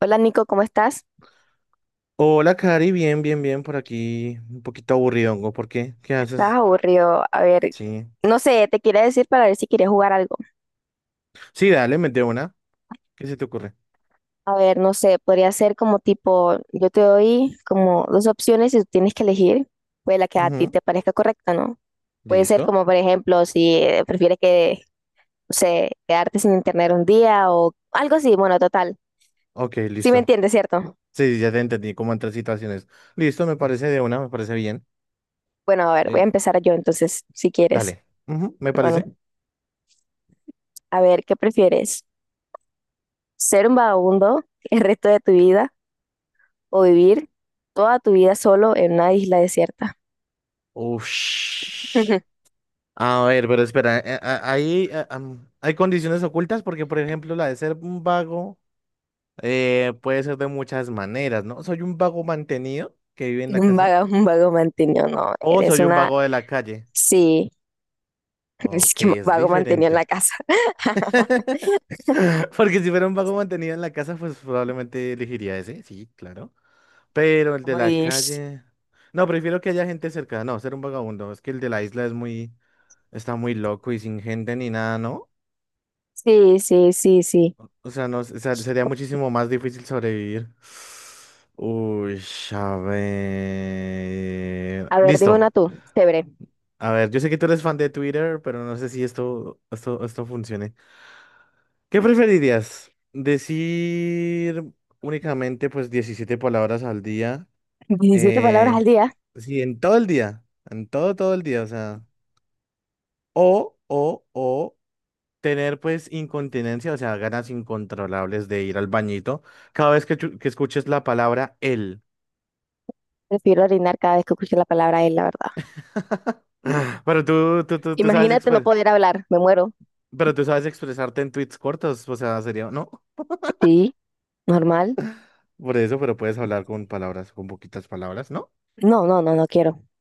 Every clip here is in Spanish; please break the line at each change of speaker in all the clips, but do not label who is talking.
Hola Nico, ¿cómo estás?
Hola, Cari, bien, bien, bien, por aquí. Un poquito aburridongo, ¿por qué? ¿Qué
Estás
haces?
aburrido. A ver,
Sí.
no sé, te quería decir para ver si quieres jugar algo.
Sí, dale, mete una. ¿Qué se te ocurre?
A ver, no sé, podría ser como tipo, yo te doy como dos opciones y tú tienes que elegir, pues la que a ti
Ujú.
te parezca correcta, ¿no? Puede ser como, por ejemplo, si prefieres que, no sé, quedarte sin internet un día o algo así, bueno, total.
Ok,
Sí me
listo.
entiendes, ¿cierto?
Sí, sí, ya te entendí cómo entran situaciones. Listo, me parece de una, me parece bien.
Bueno, a ver, voy a
Eh,
empezar yo entonces, si quieres.
Dale. Ujú, ¿me
Bueno,
parece?
a ver, ¿qué prefieres? ¿Ser un vagabundo el resto de tu vida o vivir toda tu vida solo en una isla desierta?
Ush. A ver, pero espera, ahí hay condiciones ocultas porque, por ejemplo, la de ser un vago puede ser de muchas maneras, ¿no? Soy un vago mantenido que vive en la casa
Un vago mantenido, no,
o
eres
soy un
una,
vago de la calle.
sí, es
Ok,
que
es
vago mantenido en la
diferente.
casa.
Porque si fuera un vago mantenido en la casa, pues probablemente elegiría ese, sí, claro. Pero el de la
Uy,
calle. No, prefiero que haya gente cerca. No, ser un vagabundo. Es que el de la isla es muy. Está muy loco y sin gente ni nada, ¿no?
sí, sí, sí, sí.
O sea, no, o sea, sería muchísimo más difícil sobrevivir. Uy, a ver.
A ver, dime
Listo.
una tú, chévere.
A ver, yo sé que tú eres fan de Twitter, pero no sé si esto funcione. ¿Qué preferirías? ¿Decir únicamente pues 17 palabras al día?
diecisiete palabras al
Eh,
día.
sí, en todo el día, en todo el día, o sea, o tener pues incontinencia, o sea, ganas incontrolables de ir al bañito cada vez que, que escuches la palabra él.
Prefiero orinar cada vez que escucho la palabra él, la verdad.
Ah, Pero tú sabes
Imagínate no poder hablar, me muero.
pero tú sabes expresarte en tweets cortos, o sea, sería, ¿no?
Sí, normal.
Por eso, pero puedes hablar con palabras, con poquitas palabras, ¿no?
No, no, no, no quiero.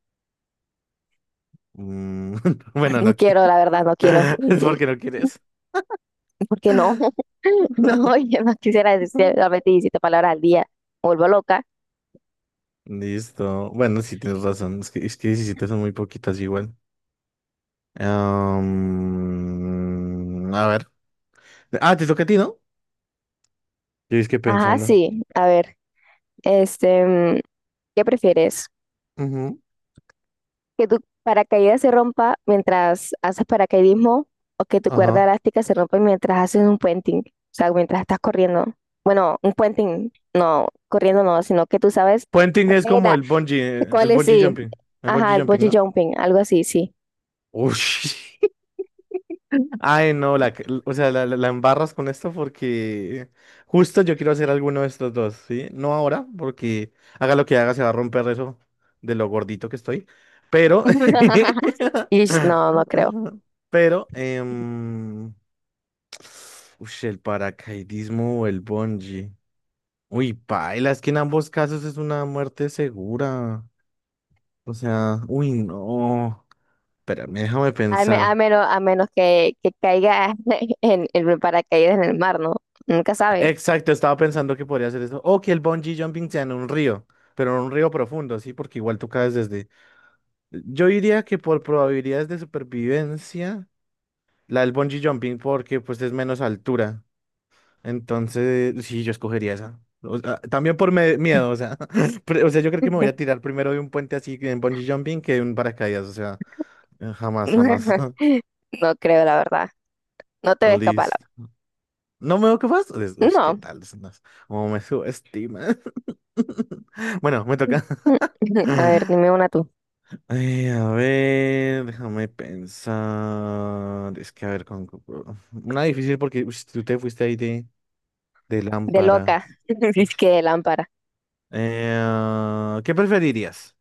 Mm, bueno,
No
no.
quiero, la verdad, no quiero.
Es porque no quieres.
Porque no, no, yo no quisiera decir solamente 17 palabras al día. Me vuelvo loca.
Listo. Bueno, sí tienes razón. Es que 17 son muy poquitas igual. Am, a ver. Ah, te toca a ti, ¿no? Yo es que
Ajá,
pensando.
sí. A ver, este, ¿qué prefieres?
Ujú.
¿Que tu paracaídas se rompa mientras haces paracaidismo o que tu cuerda
Ajá.
elástica se rompa mientras haces un puenting? O sea, mientras estás corriendo. Bueno, un puenting, no, corriendo no, sino que tú sabes
Puenting
cuál
es
es
como
la- cuál
el
es,
bungee
sí.
jumping. El
Ajá,
bungee
el
jumping,
bungee
¿no?
jumping, algo así, sí.
Ush. Ay, no, o sea, la embarras con esto porque justo yo quiero hacer alguno de estos dos, ¿sí? No ahora, porque haga lo que haga, se va a romper eso de lo gordito que estoy. Pero,
Ish, no, no creo.
pero, ush, el paracaidismo o el bungee. Uy, paila, es que en ambos casos es una muerte segura. O sea, uy, no. Espérame, déjame
A
pensar.
menos, que, caiga en, paracaídas en el mar, ¿no? Nunca sabes.
Exacto, estaba pensando que podría hacer eso. O que el bungee jumping sea en un río, pero en un río profundo, sí, porque igual tú caes desde. Yo diría que por probabilidades de supervivencia, la del bungee jumping, porque pues es menos altura. Entonces, sí, yo escogería esa. O sea, también por miedo, o sea, o sea, yo creo que me voy a tirar primero de un puente así en bungee jumping que de un paracaídas, o sea, jamás, jamás.
No creo, la verdad. No te ves capaz, la
Listo. No me veo capaz. Uy, ¿qué
verdad. No.
tal? Es más, ¿cómo me subestima. Bueno, me toca.
A ver,
Ay,
dime una tú.
a ver, déjame pensar. Es que a ver, con... una difícil porque uy, tú te fuiste ahí de
De
lámpara.
loca.
Uf.
Es que de lámpara.
¿Qué preferirías?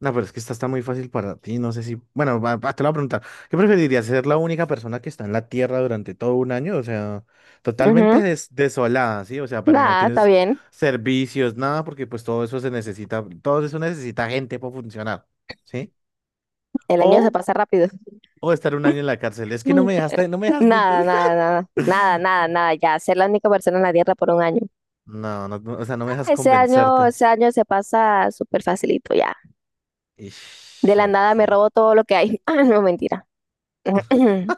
No, pero es que esta está muy fácil para ti. No sé si. Bueno, va, te lo voy a preguntar. ¿Qué preferirías? ¿Ser la única persona que está en la Tierra durante todo un año? O sea, totalmente
Ujú.
desolada, ¿sí? O sea, pero no
Nada, está
tienes
bien.
servicios, nada, porque pues todo eso se necesita. Todo eso necesita gente para funcionar, ¿sí?
El año se
O
pasa rápido.
O estar un año en la cárcel. Es que no me dejaste, no me dejas ni... te-
Nada, nada, nada. Nada, nada, nada. Ya, ser la única persona en la Tierra por un año.
No, no, no, o sea, no me dejas
Ah,
convencerte.
ese año se pasa súper facilito, ya. De
Ish,
la
ok.
nada me robo todo lo que hay. Ah, no, mentira.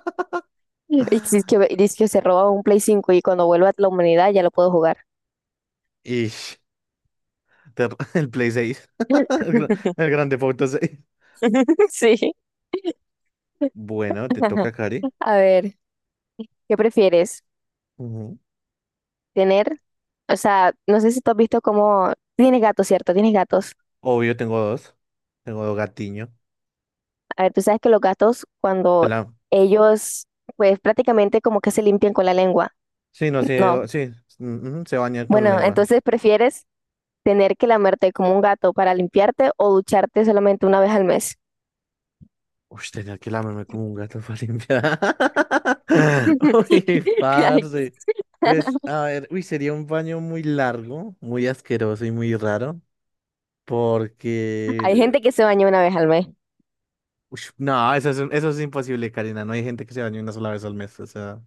Y dice que se roba un Play 5 y cuando vuelva a la humanidad ya lo puedo jugar.
Ish, te- el Play seis. El, gran- el Grande Foto seis.
Sí.
Bueno, te toca, Cari.
A ver, ¿qué prefieres?
Ujú.
¿Tener? O sea, no sé si tú has visto cómo... Tienes gatos, ¿cierto? Tienes gatos.
Obvio, tengo dos. Tengo dos gatiños.
A ver, tú sabes que los gatos
Te
cuando
la...
ellos, pues prácticamente como que se limpian con la lengua.
Sí, no, sí,
No.
sí. Mm, ujú, se baña con
Bueno,
lengua.
entonces prefieres tener que lamerte como un gato para limpiarte o ducharte solamente una vez al mes.
Uy, tenía que lamerme como un gato para limpiar. Uy, parce. Pues, a ver, uy, sería un baño muy largo, muy asqueroso y muy raro,
Hay
porque...
gente que se baña una vez al mes.
Uy, no, eso es, eso es imposible, Karina. No hay gente que se bañe una sola vez al mes. O sea,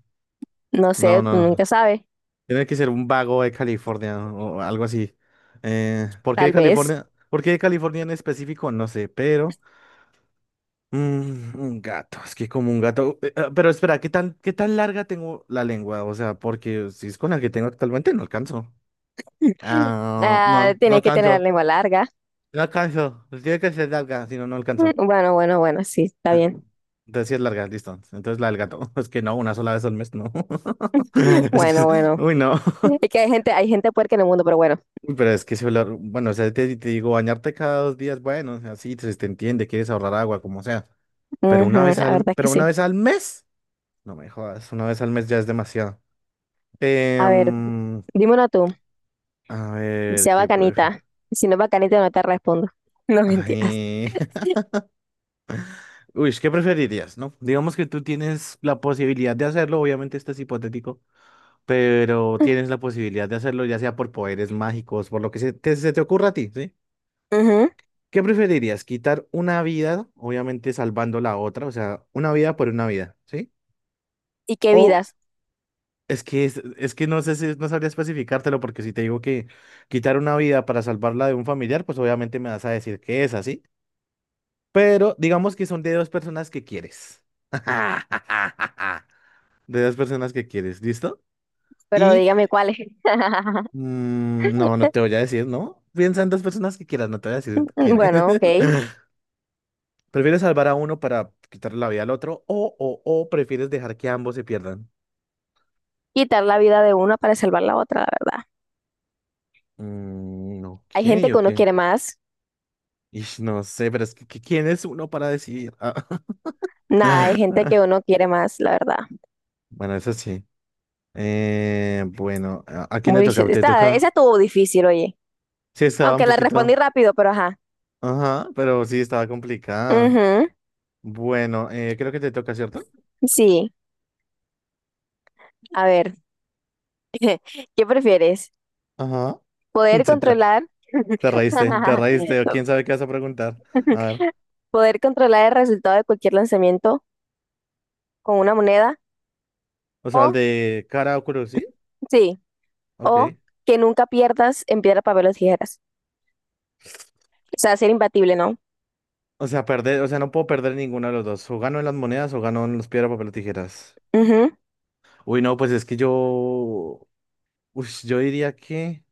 No sé,
no,
tú nunca
no.
sabes.
Tiene que ser un vago de California o algo así. ¿Por qué de
Tal vez.
California? ¿Por qué de California en específico? No sé, pero... Mm, un gato, es que como un gato. Pero espera, ¿qué tan larga tengo la lengua? O sea, porque si es con la que tengo actualmente, no alcanzo. Ah,
Ah,
no, no
tiene que tener la
alcanzo.
lengua larga.
No alcanzo. Pues tiene que ser larga, si no, no alcanzo.
Bueno, bueno, bueno, sí, está bien.
Entonces sí es larga, listo. Entonces la del gato. Es que no, una sola vez al mes, no. Es que,
Bueno,
es-
bueno.
uy, no.
Es que hay gente puerca en el mundo, pero bueno.
Uy, pero es que si hablar, bueno, o sea, te digo, bañarte cada dos días, bueno, o sea, sí, se te entiende, quieres ahorrar agua, como sea.
Ujú, la verdad es que
Pero una
sí.
vez al mes, no me jodas, una vez al mes ya es demasiado.
A ver,
Em,
dímelo tú.
a ver,
Sea
¿qué prefieres?
bacanita. Si no es bacanita, no te respondo. No mentiras.
Ay. Uy, ¿qué preferirías, no? Digamos que tú tienes la posibilidad de hacerlo, obviamente esto es hipotético, pero tienes la posibilidad de hacerlo ya sea por poderes mágicos, por lo que se te ocurra a ti, ¿sí?
Ujú.
¿Qué preferirías? ¿Quitar una vida, obviamente salvando la otra, o sea, una vida por una vida, ¿sí?
¿Y qué
O
vidas?
es que, es que no sé si no sabría especificártelo, porque si te digo que quitar una vida para salvarla de un familiar, pues obviamente me vas a decir que es así. Pero digamos que son de dos personas que quieres. De dos personas que quieres, ¿listo?
Pero
Y
dígame cuáles.
mm, no, no te voy a decir, ¿no? Piensa en dos personas que quieras, no te voy a decir quién es.
Bueno, ok.
¿Prefieres salvar a uno para quitarle la vida al otro o prefieres dejar que ambos se pierdan?
Quitar la vida de una para salvar la otra, la verdad.
Mm,
Hay
ok,
gente que
ok.
uno quiere más.
Ish, no sé, pero es que ¿quién es uno para decidir? Ah,
Nada, hay gente que
ah,
uno quiere más, la verdad.
bueno, eso sí. Bueno, a quién le
Uy, shit,
toca? ¿Te
esa
toca?
estuvo difícil, oye.
Sí, estaba un
Aunque la respondí
poquito.
rápido, pero ajá.
Ajá, pero sí estaba complicada.
Ujú,
Bueno, creo que te toca, ¿cierto?
sí, a ver, ¿qué prefieres?
Ajá. Sí,
¿Poder controlar,
Te reíste, te reíste. ¿O quién sabe qué vas a preguntar? A ver.
poder controlar el resultado de cualquier lanzamiento con una moneda?
O sea, el
O,
de cara o cruz, ¿sí?
sí, o
Ok.
que nunca pierdas en piedra, papel o tijeras. O sea, ser imbatible, ¿no?
O sea, perder, o sea, no puedo perder ninguno de los dos. O gano en las monedas o gano en los piedra, papel o tijeras.
Ujú,
Uy, no, pues es que yo. Uy, yo diría que.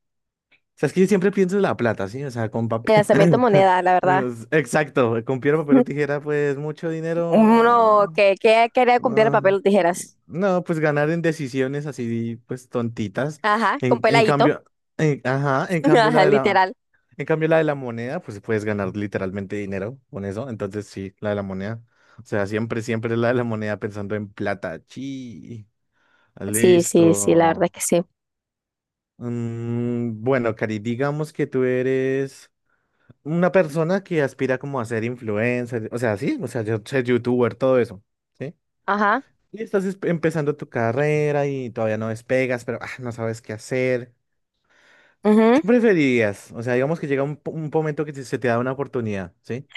O sea, es que yo siempre pienso en la plata, ¿sí? O sea, con
el
papel.
lanzamiento moneda, la verdad.
Exacto, con piedra, papel o tijera, pues mucho dinero.
Uno que, quería con piedra,
Ah,
papel o tijeras.
no, pues ganar en decisiones así, pues tontitas.
Ajá, con
En
peladito.
cambio, ajá, en cambio
Ajá, literal.
en cambio la de la moneda, pues puedes ganar literalmente dinero con eso. Entonces sí, la de la moneda. O sea, siempre la de la moneda pensando en plata. Chi.
Sí,
Listo.
sí, sí, la verdad es que sí.
Mm, bueno, Cari, digamos que tú eres una persona que aspira como a ser influencer, o sea, sí, o sea, yo ser youtuber, todo eso. ¿Sí?
Ajá,
Y estás empezando tu carrera y todavía no despegas, pero ah, no sabes qué hacer.
ujú,
¿Qué preferirías? O sea, digamos que llega un, un momento que se te da una oportunidad, ¿sí?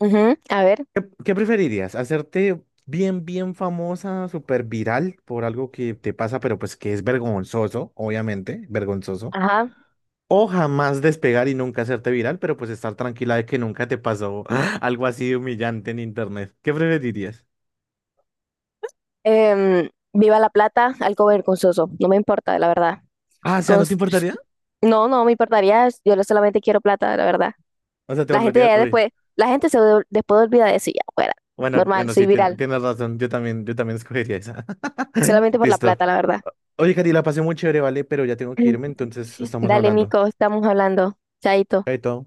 ujú, a ver,
¿Qué preferirías? ¿Hacerte bien, bien famosa, súper viral por algo que te pasa, pero pues que es vergonzoso, obviamente, vergonzoso?
ajá.
¿O jamás despegar y nunca hacerte viral, pero pues estar tranquila de que nunca te pasó algo así de humillante en internet? ¿Qué preferirías?
Viva la plata, algo vergonzoso, no me importa, la verdad.
Ah, o sea, ¿no te
Cons-
importaría?
no, no me importaría, solamente quiero plata, la verdad.
O sea, te
La gente
volverías...
ya
uy.
después, la gente después olvida de eso y ya, fuera.
Bueno,
Normal,
bueno,
soy
sí,
viral,
tienes razón. Yo también escogería esa.
solamente por la
Listo.
plata, la verdad.
Oye, Cari, la pasé muy chévere, ¿vale? Pero ya tengo que irme, entonces estamos
Dale,
hablando.
Nico, estamos hablando. Chaito.
Chaito.